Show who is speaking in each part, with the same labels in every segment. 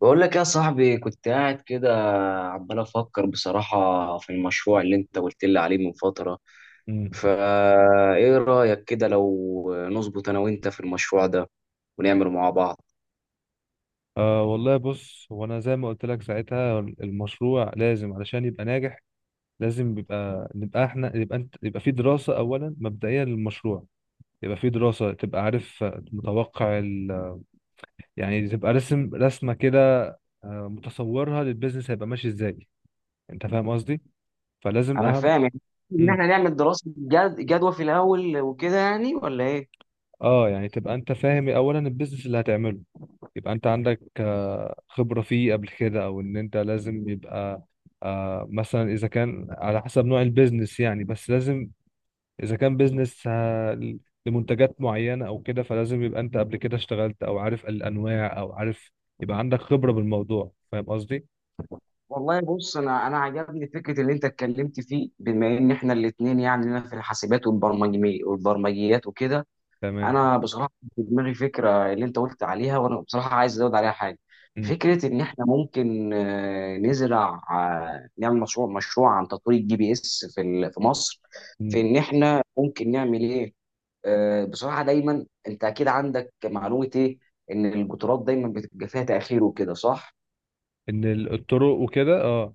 Speaker 1: بقول لك يا صاحبي، كنت قاعد كده عمال افكر بصراحة في المشروع اللي انت قلت لي عليه من فترة.
Speaker 2: مم.
Speaker 1: فا ايه رأيك كده لو نظبط انا وانت في المشروع ده ونعمله مع بعض؟
Speaker 2: آه، والله، بص هو انا زي ما قلت لك ساعتها المشروع لازم علشان يبقى ناجح، لازم بيبقى نبقى احنا يبقى انت يبقى في دراسة اولا مبدئية للمشروع، يبقى في دراسة تبقى عارف متوقع يعني تبقى رسم رسمة كده، متصورها للبيزنس هيبقى ماشي ازاي. انت فاهم قصدي؟ فلازم
Speaker 1: انا
Speaker 2: اهم.
Speaker 1: فاهم يعني ان
Speaker 2: مم.
Speaker 1: احنا نعمل دراسة جدوى في الاول وكده، يعني ولا ايه؟
Speaker 2: اه، يعني تبقى انت فاهم اولا البيزنس اللي هتعمله، يبقى انت عندك خبرة فيه قبل كده او ان انت لازم يبقى مثلا اذا كان على حسب نوع البيزنس يعني، بس لازم اذا كان بيزنس لمنتجات معينة او كده فلازم يبقى انت قبل كده اشتغلت او عارف الانواع او عارف، يبقى عندك خبرة بالموضوع. فاهم قصدي؟
Speaker 1: والله بص، انا عجبني فكره اللي انت اتكلمت فيه، بما ان احنا الاثنين يعني لنا في الحاسبات والبرمجي والبرمجيات وكده.
Speaker 2: تمام.
Speaker 1: انا بصراحه في دماغي فكره اللي انت قلت عليها، وانا بصراحه عايز ازود عليها حاجه.
Speaker 2: م-
Speaker 1: فكره ان احنا ممكن نزرع، نعمل مشروع عن تطوير الجي بي اس في مصر،
Speaker 2: م.
Speaker 1: في ان احنا ممكن نعمل ايه. بصراحه دايما انت اكيد عندك معلومه ايه، ان القطارات دايما بتبقى فيها تاخير وكده، صح؟
Speaker 2: ان الطرق وكده، اه.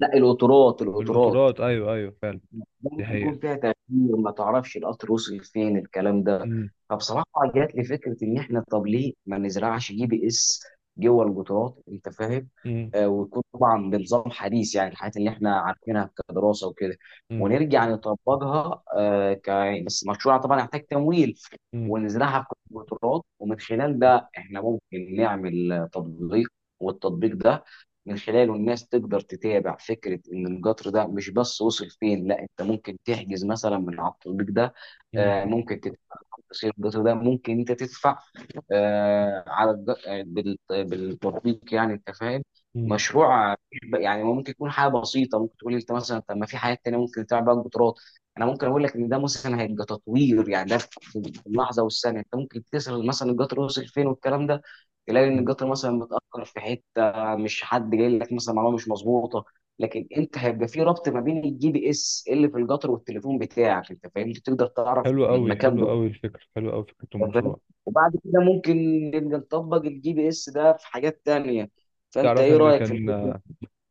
Speaker 1: لا، القطارات
Speaker 2: القطارات، ايوه ايوه فعلا.
Speaker 1: دايما
Speaker 2: دي حقيقة.
Speaker 1: بيكون فيها تغيير، ما تعرفش القطر وصل فين، الكلام ده.
Speaker 2: م-
Speaker 1: فبصراحه جات لي فكره ان احنا طب ليه ما نزرعش جي بي اس جوه القطارات، انت فاهم؟
Speaker 2: م-
Speaker 1: ويكون طبعا بنظام حديث، يعني الحاجات اللي احنا عارفينها كدراسه وكده،
Speaker 2: م-
Speaker 1: ونرجع نطبقها، آه ك بس مشروع طبعا يحتاج تمويل،
Speaker 2: م-
Speaker 1: ونزرعها في القطارات، ومن خلال ده احنا ممكن نعمل تطبيق. والتطبيق ده من خلاله الناس تقدر تتابع فكرة إن القطر ده مش بس وصل فين، لا أنت ممكن تحجز مثلا من على التطبيق ده،
Speaker 2: م-
Speaker 1: ممكن تدفع، تفاصيل القطر ده ممكن أنت تدفع آه، على الج- آه، بال- بالتطبيق، يعني انت فاهم.
Speaker 2: م-
Speaker 1: مشروع يعني ممكن يكون حاجه بسيطه، ممكن تقول لي انت مثلا طب ما في حاجات تانيه ممكن تعمل بقى القطارات، انا ممكن اقول لك ان ده مثلا هيبقى تطوير، يعني ده في اللحظه والثانيه، انت ممكن تسال مثلا القطر وصل فين والكلام ده، تلاقي ان
Speaker 2: م.
Speaker 1: القطر مثلا متاخر في حته، مش حد جاي لك مثلا معلومه مش مظبوطه. لكن انت هيبقى في ربط ما بين الجي بي اس اللي في القطر والتليفون بتاعك، انت فاهم، تقدر تعرف
Speaker 2: حلو قوي،
Speaker 1: المكان.
Speaker 2: حلو قوي الفكرة، حلو قوي فكرة
Speaker 1: أنت فاهم،
Speaker 2: المشروع.
Speaker 1: وبعد كده ممكن نبقى نطبق الجي بي اس ده في حاجات تانية. فانت
Speaker 2: تعرف
Speaker 1: ايه
Speaker 2: ان
Speaker 1: رأيك في
Speaker 2: كان
Speaker 1: الفكرة؟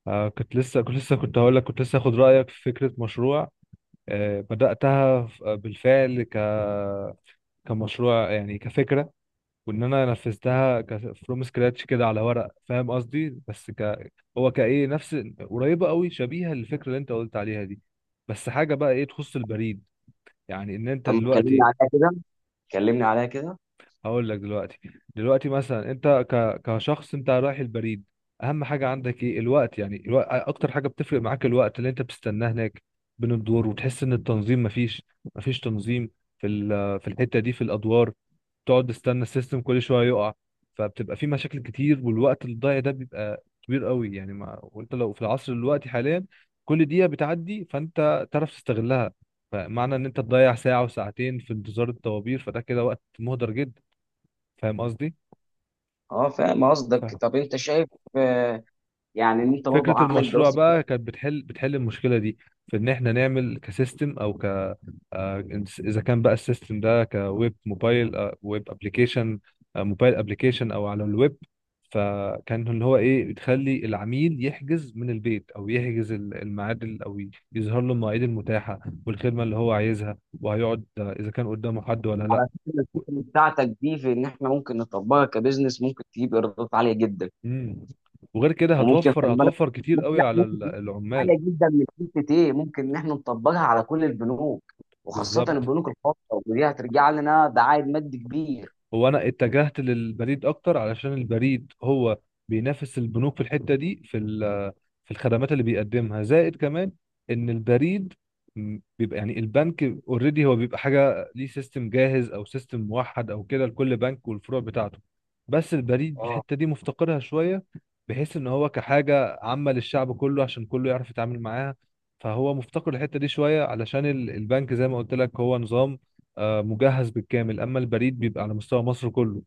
Speaker 2: كنت هقول لك كنت لسه اخد رايك في فكره مشروع بداتها بالفعل كمشروع، يعني كفكره، وان انا نفذتها فروم سكراتش كده على ورق. فاهم قصدي؟ بس هو كايه نفس، قريبه قوي، شبيهه للفكره اللي انت قلت عليها دي. بس حاجه بقى ايه تخص البريد، يعني ان انت
Speaker 1: طب كلمني
Speaker 2: دلوقتي.
Speaker 1: عليها كده، كلمني عليها كده.
Speaker 2: هقول لك: دلوقتي، دلوقتي مثلا انت كشخص انت رايح البريد، اهم حاجه عندك ايه؟ الوقت. يعني الوقت اكتر حاجه بتفرق معاك، الوقت اللي انت بتستناه هناك بين الدور، وتحس ان التنظيم مفيش، مفيش تنظيم في الحته دي، في الادوار. تقعد تستنى السيستم كل شويه يقع، فبتبقى في مشاكل كتير، والوقت الضايع ده بيبقى كبير قوي. يعني ما... وانت لو في العصر دلوقتي حاليا، كل دقيقه بتعدي فانت تعرف تستغلها. فمعنى ان انت تضيع ساعه وساعتين في انتظار الطوابير فده كده وقت مهدر جدا. فاهم قصدي؟
Speaker 1: اه، فاهم قصدك.
Speaker 2: ف-
Speaker 1: طب انت شايف آه، يعني ان انت برضو
Speaker 2: فكرة
Speaker 1: عامل
Speaker 2: المشروع
Speaker 1: دراسة جدوى.
Speaker 2: بقى كانت بتحل المشكلة دي في ان احنا نعمل كسيستم او اذا كان بقى السيستم ده كويب موبايل، ويب ابلكيشن، موبايل ابلكيشن او على الويب، فكان اللي هو ايه بتخلي العميل يحجز من البيت، او يحجز الميعاد او يظهر له المواعيد المتاحة والخدمة اللي هو عايزها، وهيقعد اذا كان قدامه حد ولا لا.
Speaker 1: على فكرة
Speaker 2: و-
Speaker 1: الفكرة بتاعتك دي، في ان احنا ممكن نطبقها كبزنس، ممكن تجيب ايرادات عالية جدا.
Speaker 2: مم. وغير كده
Speaker 1: وممكن
Speaker 2: هتوفر
Speaker 1: خلي بالك،
Speaker 2: هتوفر كتير
Speaker 1: ممكن
Speaker 2: قوي
Speaker 1: لا
Speaker 2: على
Speaker 1: ممكن تجيب
Speaker 2: العمال.
Speaker 1: عالية جدا من حتة ايه؟ ممكن ان احنا نطبقها على كل البنوك، وخاصة
Speaker 2: بالظبط.
Speaker 1: البنوك الخاصة، ودي هترجع لنا، ده عائد مادي كبير.
Speaker 2: هو انا اتجهت للبريد اكتر علشان البريد هو بينافس البنوك في الحته دي في الخدمات اللي بيقدمها، زائد كمان ان البريد بيبقى، يعني البنك اوريدي هو بيبقى حاجه ليه سيستم جاهز او سيستم موحد او كده لكل بنك والفروع بتاعته، بس البريد
Speaker 1: اه
Speaker 2: الحته دي مفتقرها شويه، بحيث ان هو كحاجه عامه للشعب كله، عشان كله يعرف يتعامل معاها. فهو مفتقر الحته دي شويه، علشان البنك زي ما قلت لك هو نظام مجهز بالكامل، اما البريد بيبقى على مستوى مصر كله،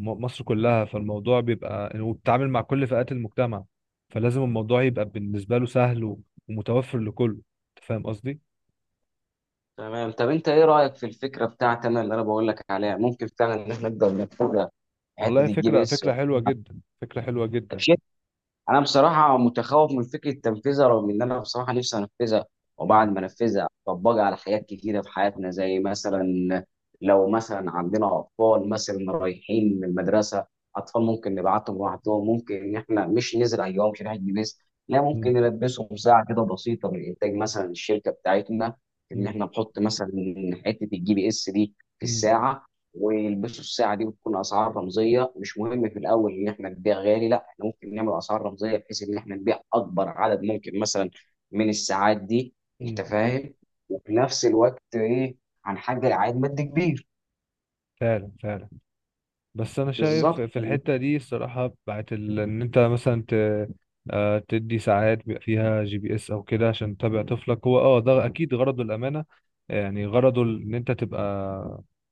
Speaker 2: مصر كلها، فالموضوع بيبقى وبتتعامل مع كل فئات المجتمع، فلازم الموضوع يبقى بالنسبة له سهل ومتوفر لكله. انت فاهم قصدي؟
Speaker 1: تمام. طب انت ايه رايك في الفكره بتاعت انا اللي انا بقول لك عليها؟ ممكن فعلا ان احنا نقدر نتبع حته
Speaker 2: والله،
Speaker 1: الجي بي
Speaker 2: فكرة،
Speaker 1: اس.
Speaker 2: فكرة حلوة جدا، فكرة حلوة جدا.
Speaker 1: انا بصراحه متخوف من فكره تنفيذها، رغم ان انا بصراحه نفسي انفذها،
Speaker 2: مم.
Speaker 1: وبعد ما انفذها اطبقها على حاجات كتيره في حياتنا، زي مثلا لو مثلا عندنا اطفال مثلا رايحين من المدرسه. اطفال ممكن نبعتهم لوحدهم، ممكن ان احنا مش نزرع جواهم شريحه جبس، لا
Speaker 2: مم.
Speaker 1: ممكن نلبسهم ساعه كده بسيطه من انتاج مثلا الشركه بتاعتنا. ان
Speaker 2: مم.
Speaker 1: احنا نحط مثلا حته الجي بي اس دي في
Speaker 2: مم.
Speaker 1: الساعه، ويلبسوا الساعه دي، وتكون اسعار رمزيه، مش مهم في الاول ان احنا نبيع غالي، لا احنا ممكن نعمل اسعار رمزيه بحيث ان احنا نبيع اكبر عدد ممكن مثلا من الساعات دي، انت
Speaker 2: مم.
Speaker 1: فاهم؟ وفي نفس الوقت ايه، هنحقق عائد مادي كبير.
Speaker 2: فعلا، فعلا. بس انا شايف
Speaker 1: بالظبط.
Speaker 2: في الحته دي الصراحه، بتاعت ان انت مثلا تدي ساعات بيبقى فيها GPS او كده عشان تتابع طفلك، هو ده اكيد غرضه الامانه، يعني غرضه ان انت تبقى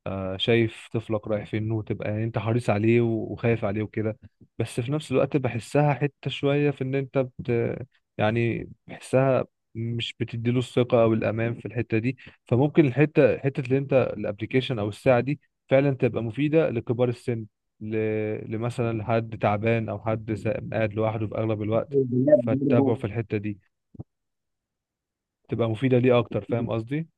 Speaker 2: شايف طفلك رايح فين، وتبقى يعني انت حريص عليه وخايف عليه وكده. بس في نفس الوقت بحسها حته شويه في ان انت يعني بحسها مش بتديله الثقه او الامان في الحته دي. فممكن حته اللي انت الابلكيشن او الساعه دي فعلا تبقى مفيدة لكبار السن، ل... لمثلا لحد تعبان، أو حد قاعد لوحده في أغلب الوقت،
Speaker 1: البنات
Speaker 2: فتتابعه في
Speaker 1: برضه.
Speaker 2: الحتة دي، تبقى مفيدة ليه أكتر. فاهم قصدي؟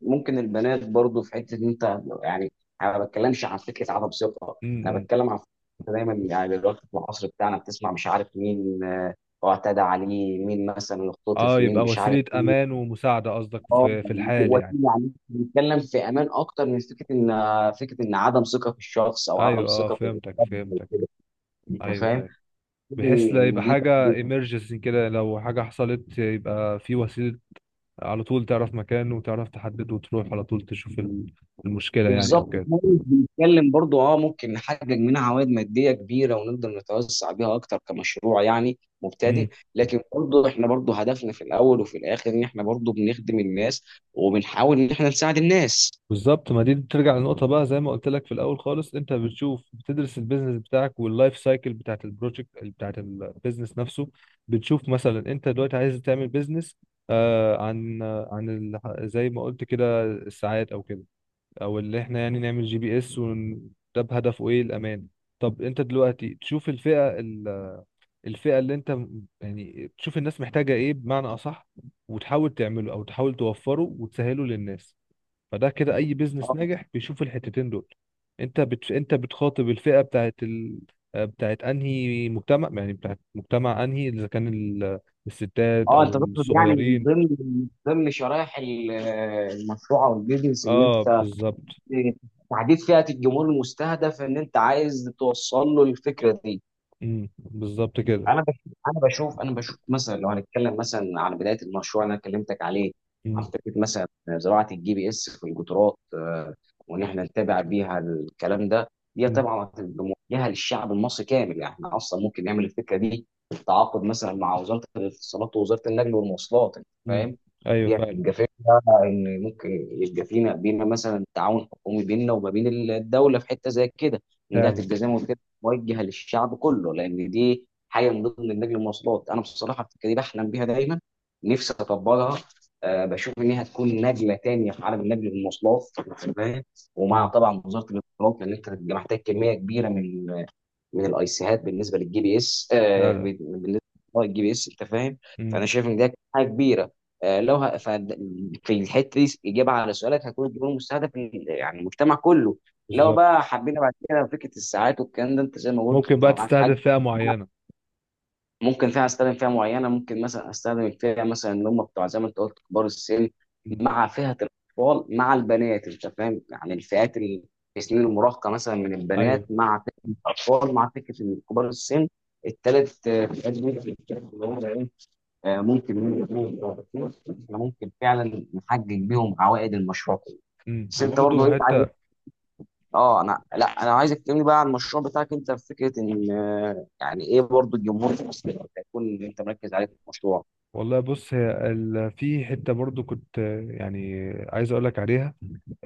Speaker 1: ممكن البنات برضه في حته إن انت يعني، انا ما بتكلمش عن فكره عدم ثقه، انا
Speaker 2: امم.
Speaker 1: بتكلم عن فكرة. دايما يعني دلوقتي في العصر بتاعنا بتسمع مش عارف مين اعتدى عليه، مين مثلا
Speaker 2: اه،
Speaker 1: اختطف مين،
Speaker 2: يبقى
Speaker 1: مش عارف.
Speaker 2: وسيلة أمان ومساعدة قصدك
Speaker 1: اه
Speaker 2: في
Speaker 1: يعني
Speaker 2: الحال يعني.
Speaker 1: وسيله، يعني بنتكلم في امان اكتر من فكره ان عدم ثقه في الشخص او عدم
Speaker 2: أيوه، اه،
Speaker 1: ثقه في
Speaker 2: فهمتك
Speaker 1: الحد أو
Speaker 2: فهمتك.
Speaker 1: كده. انت
Speaker 2: أيوه
Speaker 1: فاهم؟
Speaker 2: أيوه. بحيث لا يبقى
Speaker 1: إن دي
Speaker 2: حاجة
Speaker 1: برضه-
Speaker 2: emergency كده، لو حاجة حصلت يبقى في وسيلة على طول تعرف مكانه وتعرف تحدده، وتروح على طول تشوف المشكلة يعني أو
Speaker 1: بالظبط،
Speaker 2: كده.
Speaker 1: إحنا مش بنتكلم برضو، اه ممكن نحقق منها عوائد ماديه كبيره، ونقدر نتوسع بيها اكتر كمشروع يعني مبتدئ، لكن برضو احنا برضو هدفنا في الاول وفي الاخر ان احنا برضو بنخدم الناس، وبنحاول ان احنا نساعد الناس.
Speaker 2: بالظبط. ما دي بترجع لنقطة بقى زي ما قلت لك في الأول خالص، أنت بتشوف، بتدرس البيزنس بتاعك واللايف سايكل بتاعت البروجكت بتاعت البيزنس نفسه. بتشوف مثلا أنت دلوقتي عايز تعمل بيزنس زي ما قلت كده الساعات أو كده، أو اللي إحنا يعني نعمل GPS ده بهدفه إيه؟ الأمان. طب أنت دلوقتي تشوف الفئة، الفئة اللي أنت يعني تشوف الناس محتاجة إيه بمعنى أصح، وتحاول تعمله أو تحاول توفره وتسهله للناس. فده كده اي بيزنس
Speaker 1: اه.
Speaker 2: ناجح بيشوف الحتتين دول. انت بتخاطب الفئه بتاعت بتاعت انهي مجتمع، يعني بتاعت مجتمع انهي، اذا كان الستات
Speaker 1: اه،
Speaker 2: او
Speaker 1: انت تقصد يعني من
Speaker 2: الصغيرين.
Speaker 1: ضمن من ضمن شرائح المشروع او البيزنس، ان
Speaker 2: اه،
Speaker 1: انت
Speaker 2: بالظبط.
Speaker 1: تحديد فئة الجمهور المستهدف ان انت عايز توصل له الفكرة دي.
Speaker 2: بالظبط كده.
Speaker 1: انا بش... انا بشوف مثلا، لو هنتكلم مثلا على بدايه المشروع اللي انا كلمتك عليه، عن
Speaker 2: امم.
Speaker 1: فكره مثلا زراعه الجي بي اس في القطارات، وان احنا نتابع بيها الكلام ده، دي
Speaker 2: امم.
Speaker 1: طبعا هتبقى موجهه للشعب المصري كامل، يعني احنا اصلا ممكن نعمل الفكره دي بالتعاقد مثلا مع وزاره الاتصالات ووزاره النقل والمواصلات، انت
Speaker 2: امم.
Speaker 1: فاهم؟
Speaker 2: ايوه،
Speaker 1: دي
Speaker 2: فعلا،
Speaker 1: هتبقى فكره ان ممكن يبقى فينا بينا مثلا تعاون حكومي بيننا وما بين الدوله في حته زي كده، ان دي
Speaker 2: فعلا.
Speaker 1: هتبقى زي ما قلت لك موجهه للشعب كله، لان دي حاجه من ضمن النقل المواصلات. انا بصراحه الفكره دي بحلم بيها دايما، نفسي اطبقها. أه بشوف ان هي هتكون نقله تانيه في عالم النقل المواصلات، فاهم؟ ومع
Speaker 2: امم.
Speaker 1: طبعا وزاره الاتصالات، لان انت هتبقى محتاج كميه كبيره من الايسيهات بالنسبه للجي بي اس،
Speaker 2: فعلا.
Speaker 1: انت فاهم.
Speaker 2: امم.
Speaker 1: فانا شايف ان ده حاجه كبيره. أه لو ه... ف... في الحته دي اجابه على سؤالك، هتكون الجمهور المستهدف يعني المجتمع كله. لو
Speaker 2: بالظبط.
Speaker 1: بقى حبينا بعد كده فكره الساعات والكلام ده، انت زي ما قلت،
Speaker 2: ممكن
Speaker 1: انت
Speaker 2: بقى
Speaker 1: معاك حق.
Speaker 2: تستهدف فئه معينه.
Speaker 1: ممكن فيها استخدم فئه معينه، ممكن مثلا استخدم الفئه مثلا اللي هم بتوع زي ما انت قلت كبار السن،
Speaker 2: امم.
Speaker 1: مع فئه الاطفال، مع البنات، انت فاهم؟ يعني الفئات اللي في سنين المراهقه مثلا من
Speaker 2: ايوه.
Speaker 1: البنات، مع فئه الاطفال، مع فئه كبار السن. الثلاث فئات دول في الكتاب اللي هم ايه، ممكن إحنا ممكن فعلا نحقق بيهم عوائد المشروع. بس انت
Speaker 2: وبرضه
Speaker 1: برضه ايه
Speaker 2: حته.
Speaker 1: عايز؟ اه، انا لا، انا عايزك تكلمني بقى عن المشروع بتاعك انت، في فكره ان يعني ايه برضو الجمهور في مصر اللي هيكون انت مركز عليه في المشروع؟
Speaker 2: والله، بص، هي في حته برضه كنت، يعني عايز اقول لك عليها،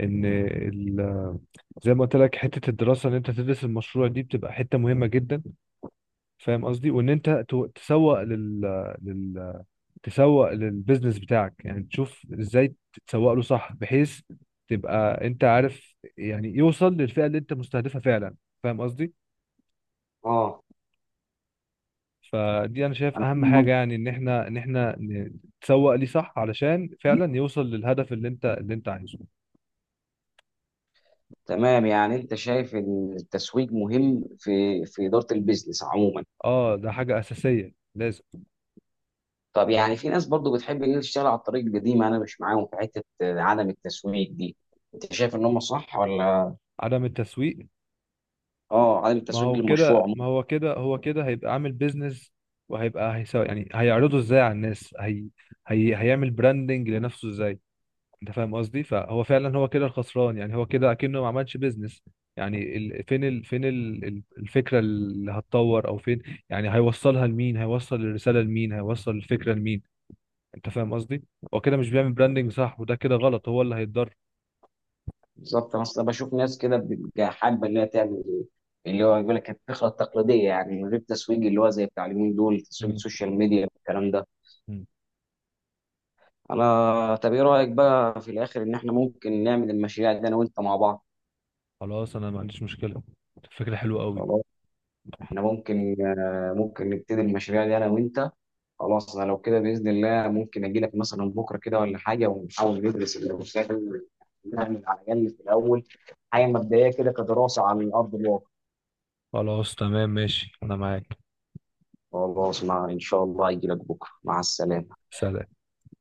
Speaker 2: ان زي ما قلت لك حته الدراسه، ان انت تدرس المشروع دي بتبقى حته مهمه جدا. فاهم قصدي؟ وان انت لل... تسوق للبيزنس بتاعك يعني، تشوف ازاي تسوق له صح بحيث تبقى انت عارف يعني يوصل للفئه اللي انت مستهدفها فعلا. فاهم قصدي؟
Speaker 1: اه.
Speaker 2: فدي انا شايف اهم حاجه،
Speaker 1: مم.
Speaker 2: يعني ان احنا تسوق ليه صح علشان فعلا يوصل للهدف اللي انت اللي انت عايزه.
Speaker 1: تمام، يعني انت شايف ان التسويق مهم في في اداره البيزنس عموما.
Speaker 2: اه، ده حاجه اساسيه لازم.
Speaker 1: طب يعني في ناس برضو بتحب ان هي تشتغل على الطريق القديم، انا مش معاهم في حته عدم التسويق دي، انت شايف ان هم صح ولا؟
Speaker 2: عدم التسويق؟
Speaker 1: اه، عدم
Speaker 2: ما
Speaker 1: التسويق
Speaker 2: هو كده،
Speaker 1: للمشروع.
Speaker 2: ما هو كده، هو كده هيبقى عامل بيزنس، وهيبقى هيسو، يعني هيعرضه ازاي على الناس، هي هيعمل براندنج لنفسه ازاي؟ انت فاهم قصدي؟ فهو فعلا هو كده الخسران، يعني هو كده اكنه ما عملش بيزنس. يعني فين الفكرة اللي هتطور، او فين يعني هيوصلها لمين؟ هيوصل الرسالة لمين؟ هيوصل الفكرة لمين؟ انت فاهم قصدي؟ هو كده مش بيعمل براندنج صح، وده كده غلط، هو اللي هيتضر.
Speaker 1: بالظبط، انا اصلا بشوف ناس كده بتبقى حابه ان هي تعمل إيه؟ اللي هو يقول لك الفكره التقليديه، يعني من غير تسويق، اللي هو زي بتاع اليومين دول تسويق
Speaker 2: مم.
Speaker 1: السوشيال ميديا والكلام ده.
Speaker 2: مم.
Speaker 1: انا طب ايه رايك بقى في الاخر ان احنا ممكن نعمل المشاريع دي انا وانت مع بعض؟
Speaker 2: خلاص، انا ما عنديش مشكلة، فكرة حلوة قوي.
Speaker 1: خلاص، احنا ممكن نبتدي المشاريع دي انا وانت. خلاص، انا لو كده باذن الله ممكن اجي لك مثلا بكره كده ولا حاجه ونحاول ندرس المشاريع دي، نعمل على الاقل في الاول حاجه مبدئيه كده كدراسه على ارض الواقع.
Speaker 2: خلاص، تمام، ماشي، انا معاك.
Speaker 1: خلاص، مع إن شاء الله هيجي لك بكرة، مع السلامة.
Speaker 2: سلام.